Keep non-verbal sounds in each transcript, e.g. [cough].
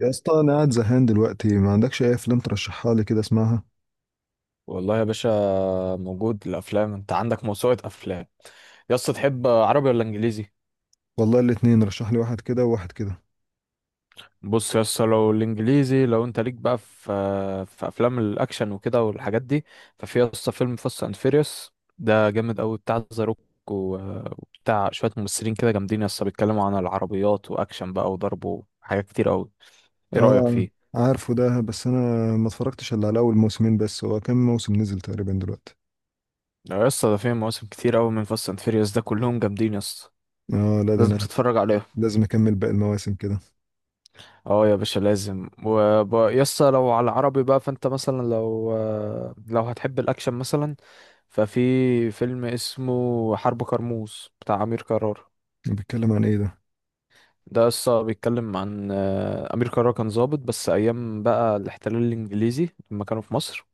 يا اسطى انا قاعد زهقان دلوقتي ما عندكش اي افلام ترشحها لي كده اسمعها. والله يا باشا، موجود الافلام. انت عندك موسوعه افلام. يا اسطى، تحب عربي ولا انجليزي؟ والله الاتنين رشح لي واحد كده وواحد كده. بص يا اسطى، لو الانجليزي، لو انت ليك بقى في في افلام الاكشن وكده والحاجات دي، ففي يا اسطى فيلم فاست اند فيريوس ده جامد قوي، بتاع ذا روك و- وبتاع شويه ممثلين كده جامدين يا اسطى، بيتكلموا عن العربيات واكشن بقى وضرب وحاجات كتير قوي. ايه رايك اه فيه؟ عارفه ده، بس انا ما اتفرجتش الا على اول موسمين، بس هو كام موسم نزل تقريبا دلوقتي؟ لا يا اسطى، ده فيه مواسم كتير قوي من فاست اند فيريوس ده، كلهم جامدين يا اسطى، اه لا ده لازم انا تتفرج عليهم. لازم اكمل باقي المواسم كده. اه يا باشا لازم. ويسا لو على العربي بقى، فانت مثلا لو لو هتحب الاكشن مثلا، ففي فيلم اسمه حرب كرموز بتاع امير كرارة. بيتكلم عن ايه ده؟ ده يسا بيتكلم عن امير كرارة كان ضابط بس ايام بقى الاحتلال الانجليزي لما كانوا في مصر.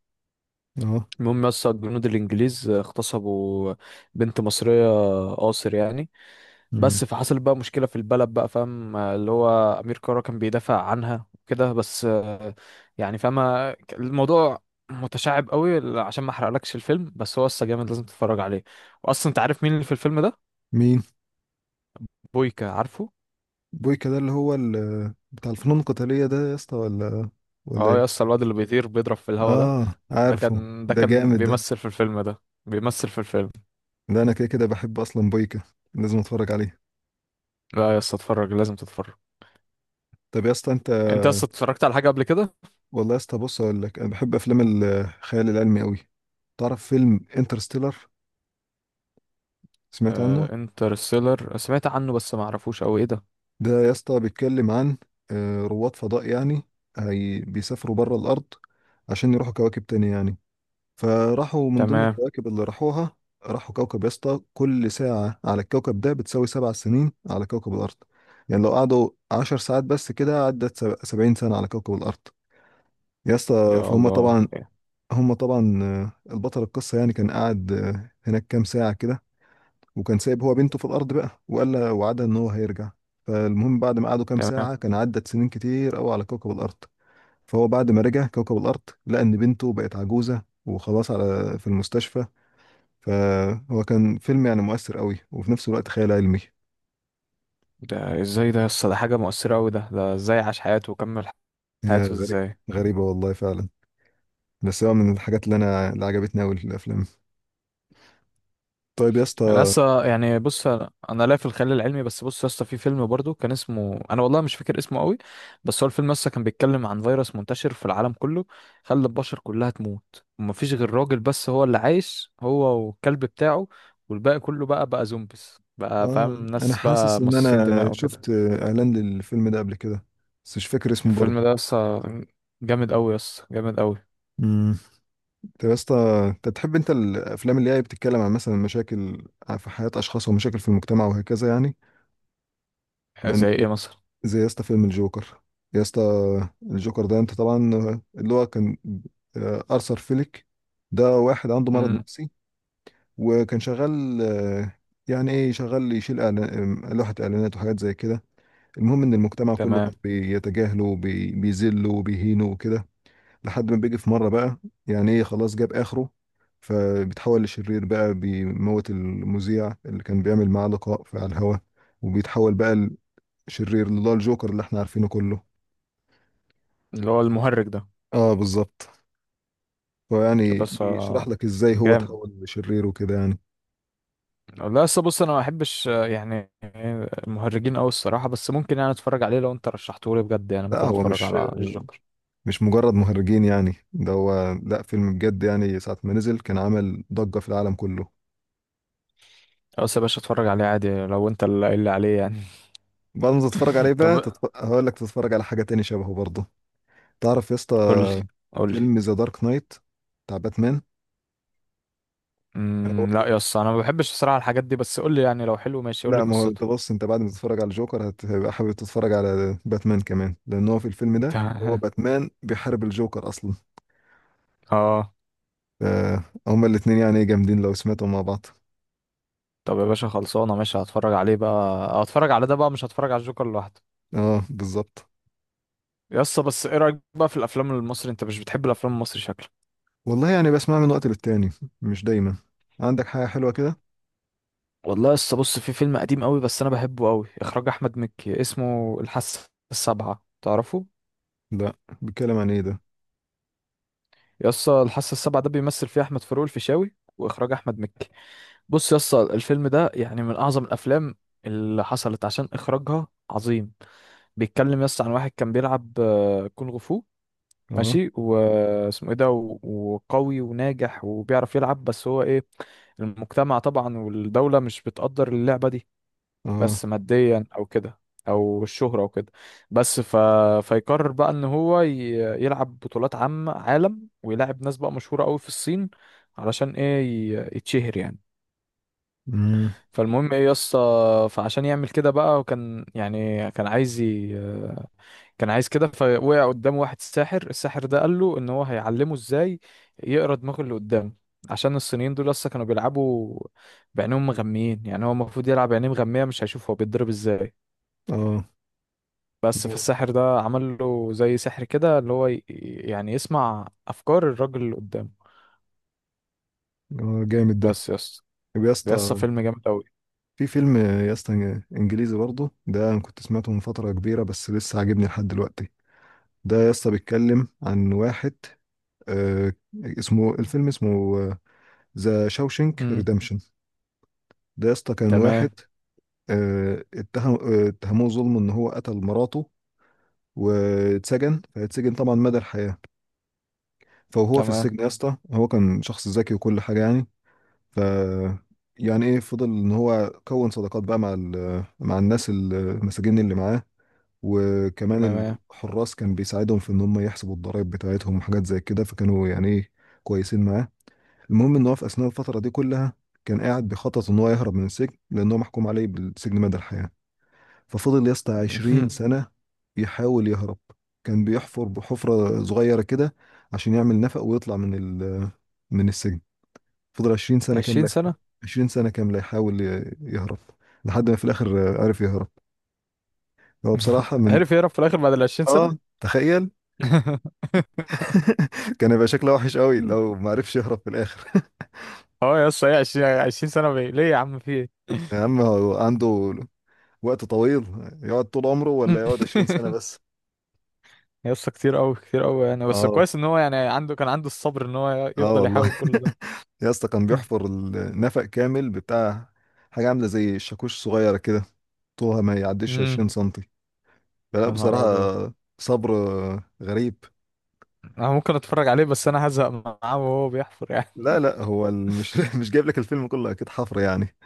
اه. المهم يسا، الجنود الانجليز اغتصبوا بنت مصرية، قاصر يعني. مم. بس فحصل بقى مشكلة في البلد بقى، فاهم؟ اللي هو أمير كرارة كان بيدافع عنها وكده. بس يعني فاهم؟ الموضوع متشعب قوي، عشان ما احرقلكش الفيلم، بس هو اصلا جامد لازم تتفرج عليه. واصلا انت عارف مين اللي في الفيلم ده؟ مين؟ بويكا، عارفه؟ بويكا ده اللي هو بتاع الفنون القتالية ده يا اسطى، ولا اه يا ايه؟ اسطى الواد اللي بيطير بيضرب في الهوا ده، اه ده عارفه كان ده ده، كان جامد ده. بيمثل في الفيلم، ده بيمثل في الفيلم. ده انا كده كده بحب اصلا بويكا، لازم اتفرج عليه. لا يا اسطى اتفرج، لازم تتفرج. طب يا اسطى انت. انت اصلا اتفرجت على حاجة قبل كده؟ والله يا اسطى بص اقول لك، انا بحب افلام الخيال العلمي قوي. تعرف فيلم انترستيلر؟ سمعت عنه؟ آه انترستيلر سمعت عنه، بس ما اعرفوش او ايه ده. ده يا اسطى بيتكلم عن رواد فضاء يعني. هي بيسافروا بره الارض عشان يروحوا كواكب تانية يعني. فراحوا من ضمن تمام. الكواكب اللي راحوها، راحوا كوكب يا اسطى كل ساعة على الكوكب ده بتساوي 7 سنين على كوكب الأرض. يعني لو قعدوا 10 ساعات بس كده عدت 70 سنة على كوكب الأرض. يا اسطى يا فهم طبعا. الله. هم طبعا البطل القصة يعني كان قاعد هناك كام ساعة كده، وكان سايب هو بنته في الأرض بقى وقال لها وعدها إن هو هيرجع. فالمهم بعد ما قعدوا كام تمام. ساعة كان عدت سنين كتير أوي على كوكب الأرض. فهو بعد ما رجع كوكب الأرض لقى إن بنته بقت عجوزة وخلاص على في المستشفى. فهو كان فيلم يعني مؤثر أوي وفي نفس الوقت خيال علمي. ده ازاي ده يسطا؟ ده حاجة مؤثرة أوي. ده ازاي عاش حياته وكمل هي حياته غريب، ازاي؟ غريبة والله فعلا. بس هو من الحاجات اللي اللي عجبتني أوي في الأفلام. طيب يا انا اسطى. لسه يعني، بص، انا لا في الخيال العلمي، بس بص، لسه في فيلم برضو كان اسمه، انا والله مش فاكر اسمه قوي، بس هو الفيلم لسه كان بيتكلم عن فيروس منتشر في العالم كله، خلى البشر كلها تموت، ومفيش غير راجل بس هو اللي عايش، هو والكلب بتاعه، والباقي كله بقى زومبيز بقى، اه فاهم؟ انا ناس حاسس بقى ان مصاصين انا دماء وكده. شفت اعلان للفيلم ده قبل كده، بس مش فاكر اسمه الفيلم برضه. ده لسه جامد أوي يسطا، جامد أوي. امم طب يا اسطى، انت بتحب الافلام اللي هي بتتكلم عن مثلا مشاكل في حياة اشخاص ومشاكل في المجتمع وهكذا يعني؟ لان، زي ايه مثلا؟ زي يا اسطى فيلم الجوكر. يا اسطى الجوكر ده انت طبعا اللي هو كان ارثر فيليك. ده واحد عنده مرض امم نفسي، وكان شغال يعني ايه، شغال يشيل لوحة اعلانات وحاجات زي كده. المهم ان المجتمع كله تمام. كان بيتجاهله بيذله وبيهينه وكده، لحد ما بيجي في مره بقى، يعني ايه، خلاص جاب اخره. فبيتحول لشرير بقى، بيموت المذيع اللي كان بيعمل معاه لقاء في على الهوا، وبيتحول بقى لشرير اللي هو الجوكر اللي احنا عارفينه كله. اللي هو المهرج ده. اه بالظبط. فيعني بس بيشرح لك ازاي هو جامد. اتحول لشرير وكده يعني. لا بس بص، انا ما احبش يعني المهرجين قوي الصراحه، بس ممكن يعني اتفرج عليه لو انت رشحته لي بجد، يعني لا ممكن هو اتفرج على الجوكر. مش مجرد مهرجين يعني، ده هو لا فيلم بجد يعني، ساعة ما نزل كان عمل ضجة في العالم كله. بس يا باشا اتفرج عليه عادي لو انت اللي قايل لي عليه يعني. بعد ما تتفرج عليه [laughs] بقى طب هقول لك تتفرج على حاجة تاني شبهه برضه. تعرف يا اسطى قول لي، قول لي. فيلم ذا دارك نايت بتاع باتمان؟ هو- لا يا اسطى انا ما بحبش الصراحه الحاجات دي، بس قول لي، يعني لو حلو ماشي، قول لي لا ما هو قصته. انت بص، انت بعد ما تتفرج على جوكر هتبقى حابب تتفرج على باتمان كمان، لان هو في الفيلم ده هو [laughs] باتمان بيحارب الجوكر اصلا. اه. ف- هما الاتنين يعني إيه جامدين لو سمعتهم مع بعض. طب يا باشا، خلصانه ماشي، هتفرج عليه بقى. هتفرج على ده بقى، مش هتفرج على الجوكر لوحده. اه بالظبط. يا اسطى، بس ايه رايك بقى في الافلام المصري؟ انت مش بتحب الافلام المصري شكلك. والله يعني بسمع من وقت للتاني، مش دايما. عندك حاجة حلوة كده؟ والله لسه، بص، في فيلم قديم قوي بس انا بحبه قوي، اخراج احمد مكي، اسمه الحاسه السابعه، تعرفه؟ لا. بيتكلم عن ايه ده؟ يسطا الحاسه السابعه ده بيمثل فيه احمد فاروق الفيشاوي، واخراج احمد مكي. بص يسطا الفيلم ده يعني من اعظم الافلام اللي حصلت، عشان اخراجها عظيم. بيتكلم يسطا عن واحد كان بيلعب كونغ فو، اه. ماشي، واسمه ايه ده وقوي وناجح وبيعرف يلعب، بس هو ايه، المجتمع طبعا والدولة مش بتقدر اللعبة دي، اه. بس ماديا او كده، او الشهرة او كده، بس فيقرر بقى ان هو يلعب بطولات عام عالم، ويلعب ناس بقى مشهورة قوي في الصين، علشان ايه؟ يتشهر يعني. امم. فالمهم ايه يا اسطى، فعشان يعمل كده بقى، وكان يعني كان عايز كده. فوقع قدامه واحد ساحر، الساحر ده قال له ان هو هيعلمه ازاي يقرا دماغ اللي قدامه، عشان الصينيين دول لسه كانوا بيلعبوا بعينهم مغميين، يعني هو المفروض يلعب بعينيه مغمية، مش هيشوف هو بيتضرب ازاي. اه بس جامد. فالساحر ده عمل له زي سحر كده، اللي هو يعني يسمع افكار الراجل اللي قدامه. اه جامد ده. بس يا اسطى. طب يا ده يا اسطى اسطى، فيلم جامد قوي. في فيلم يا اسطى انجليزي برضه ده انا كنت سمعته من فتره كبيره بس لسه عاجبني لحد دلوقتي. ده يا اسطى بيتكلم عن واحد، آه، اسمه الفيلم اسمه ذا شاوشنك امم ريدمشن. ده يا اسطى كان واحد، تمام. آه اتهم اتهموه ظلم ان هو قتل مراته، واتسجن، فاتسجن طبعا مدى الحياه. فهو في تمام. السجن يا اسطى هو كان شخص ذكي وكل حاجه يعني. ف، يعني ايه، فضل ان هو كون صداقات بقى مع الناس المساجين اللي معاه، وكمان تمام. الحراس كان بيساعدهم في ان هم يحسبوا الضرائب بتاعتهم وحاجات زي كده، فكانوا يعني ايه كويسين معاه. المهم ان هو في اثناء الفتره دي كلها كان قاعد بيخطط ان هو يهرب من السجن، لان هو محكوم عليه بالسجن مدى الحياه. ففضل يا اسطى 20 [laughs] سنه يحاول يهرب. كان بيحفر بحفره صغيره كده عشان يعمل نفق ويطلع من ال من السجن. فضل 20 سنه 20 كامله سنة. 20 سنه كامله يحاول يهرب، لحد ما في الاخر عرف يهرب. هو بصراحه [laughs] من عرف يهرب في الاخر بعد ال 20 سنة. اه تخيل. [laughs] [laughs] كان هيبقى شكله وحش قوي لو ما عرفش يهرب في الاخر. اه يا اسطى، ايه 20 سنة بيه ليه يا عم، في ايه؟ [laughs] يا عم هو عنده وقت طويل، يقعد طول عمره ولا يقعد 20 سنة [laughs] بس. يا اسطى كتير قوي، كتير قوي يعني، بس اه. كويس ان هو يعني عنده، كان عنده الصبر ان هو اه يفضل يحاول والله. كل ده. [laughs] يا اسطى كان [laughs] بيحفر النفق كامل بتاع حاجة عاملة زي الشاكوش صغيرة كده، طولها ما يعديش امم 20 سنتي. فلا يا نهار بصراحة، ابيض. صبر غريب. انا ممكن اتفرج عليه، بس انا هزهق معاه وهو بيحفر يعني. لا لا هو مش [laughs] مش جايب لك الفيلم كله، اكيد حفر يعني.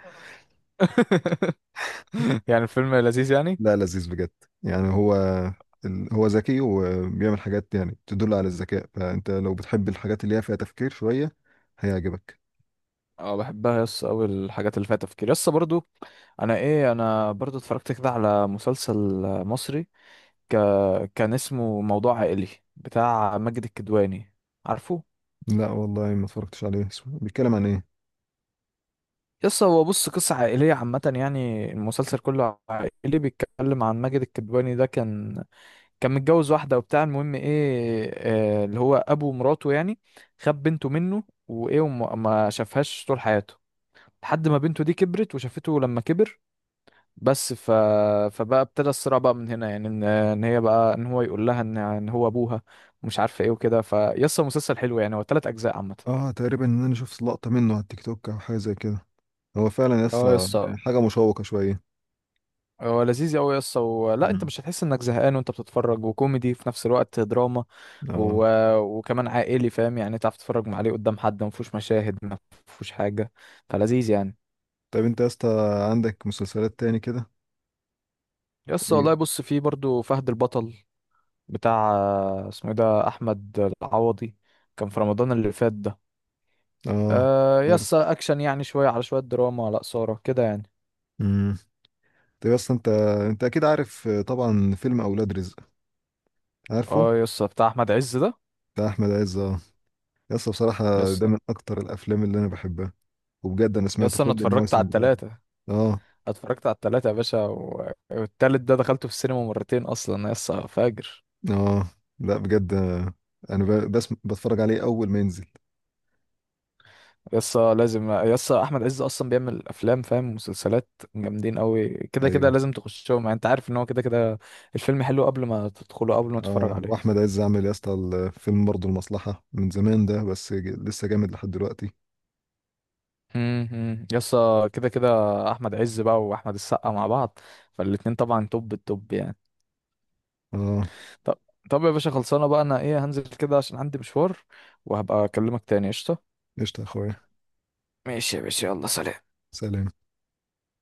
[laughs] يعني الفيلم لذيذ يعني؟ لا لذيذ بجد. يعني هو هو ذكي وبيعمل حاجات يعني تدل على الذكاء، فانت لو بتحب الحاجات اللي هي فيها تفكير شوية هيعجبك. اه بحبها يس اوي الحاجات اللي فيها تفكير، يس برضو. انا برضو اتفرجت كده على مسلسل مصري، ك... كان اسمه موضوع عائلي، بتاع ماجد الكدواني، عارفه؟ لا والله ما اتفرجتش عليه. بيتكلم عن ايه؟ يس هو بص، قصة عائلية عامة يعني، المسلسل كله عائلي، بيتكلم عن ماجد الكدواني ده كان متجوز واحدة وبتاع. المهم ايه، اللي هو ابو مراته يعني خد بنته منه وايه، وما ما شافهاش طول حياته، لحد ما بنته دي كبرت وشافته لما كبر. بس فبقى ابتدى الصراع بقى من هنا يعني، ان ان هي بقى ان هو يقول لها ان هو ابوها ومش عارفه ايه وكده. فيسطا مسلسل حلو يعني، هو ثلاث اجزاء عامه. اه تقريبا ان انا شفت لقطة منه على التيك توك او حاجة زي كده. هو فعلا يا اه يا اسطى اسطى. حاجة مشوقة شوية. هو لذيذ قوي يا اسطى لا انت مم. مش هتحس انك زهقان وانت بتتفرج، وكوميدي في نفس الوقت دراما اه. و... وكمان عائلي، فاهم يعني؟ تعرف تتفرج عليه قدام حد، ما فيهوش مشاهد، ما فيهوش حاجه، فلذيذ يعني. طيب انت يا اسطى عندك مسلسلات تاني كده؟ يا اسطى ايوه. والله بص، فيه برضو فهد البطل، بتاع اسمه ايه ده، احمد العوضي، كان في رمضان اللي فات ده. اه آه يا عارف. اسطى اكشن يعني، شويه على شويه دراما، لا ساره كده يعني. امم. طيب يا اسطى انت اكيد عارف طبعا فيلم اولاد رزق. عارفه. اه يا اسطى بتاع احمد عز ده. بتاع احمد عز آه. يس يا بصراحة ده اسطى. من أكتر الأفلام اللي أنا بحبها، وبجد أنا يا سمعت اسطى انا كل اتفرجت على المواسم بتاعته. التلاته، آه. اتفرجت على التلاتة يا باشا والتالت ده دخلته في السينما مرتين اصلا، يسا فاجر. آه. لا بجد أنا بس بتفرج عليه أول ما ينزل. يسا لازم، يسا احمد عز اصلا بيعمل افلام، فاهم؟ مسلسلات جامدين قوي، كده كده أيوه. لازم تخشهم يعني، انت عارف ان هو كده كده الفيلم حلو قبل ما تدخله، قبل ما تتفرج آه عليه. وأحمد عز عامل يا اسطى الفيلم برضه المصلحة من زمان ده، بس لسه جامد لحد دلوقتي. هم. يسا كده كده احمد عز بقى واحمد السقا مع بعض، فالاتنين طبعا توب التوب يعني. آه. طب، طب يا باشا خلصانه بقى، انا ايه هنزل كده عشان عندي مشوار، وهبقى اكلمك تاني قشطه. قشطة يا أخويا. ماشي يا باشا، يلا سلام. سلام.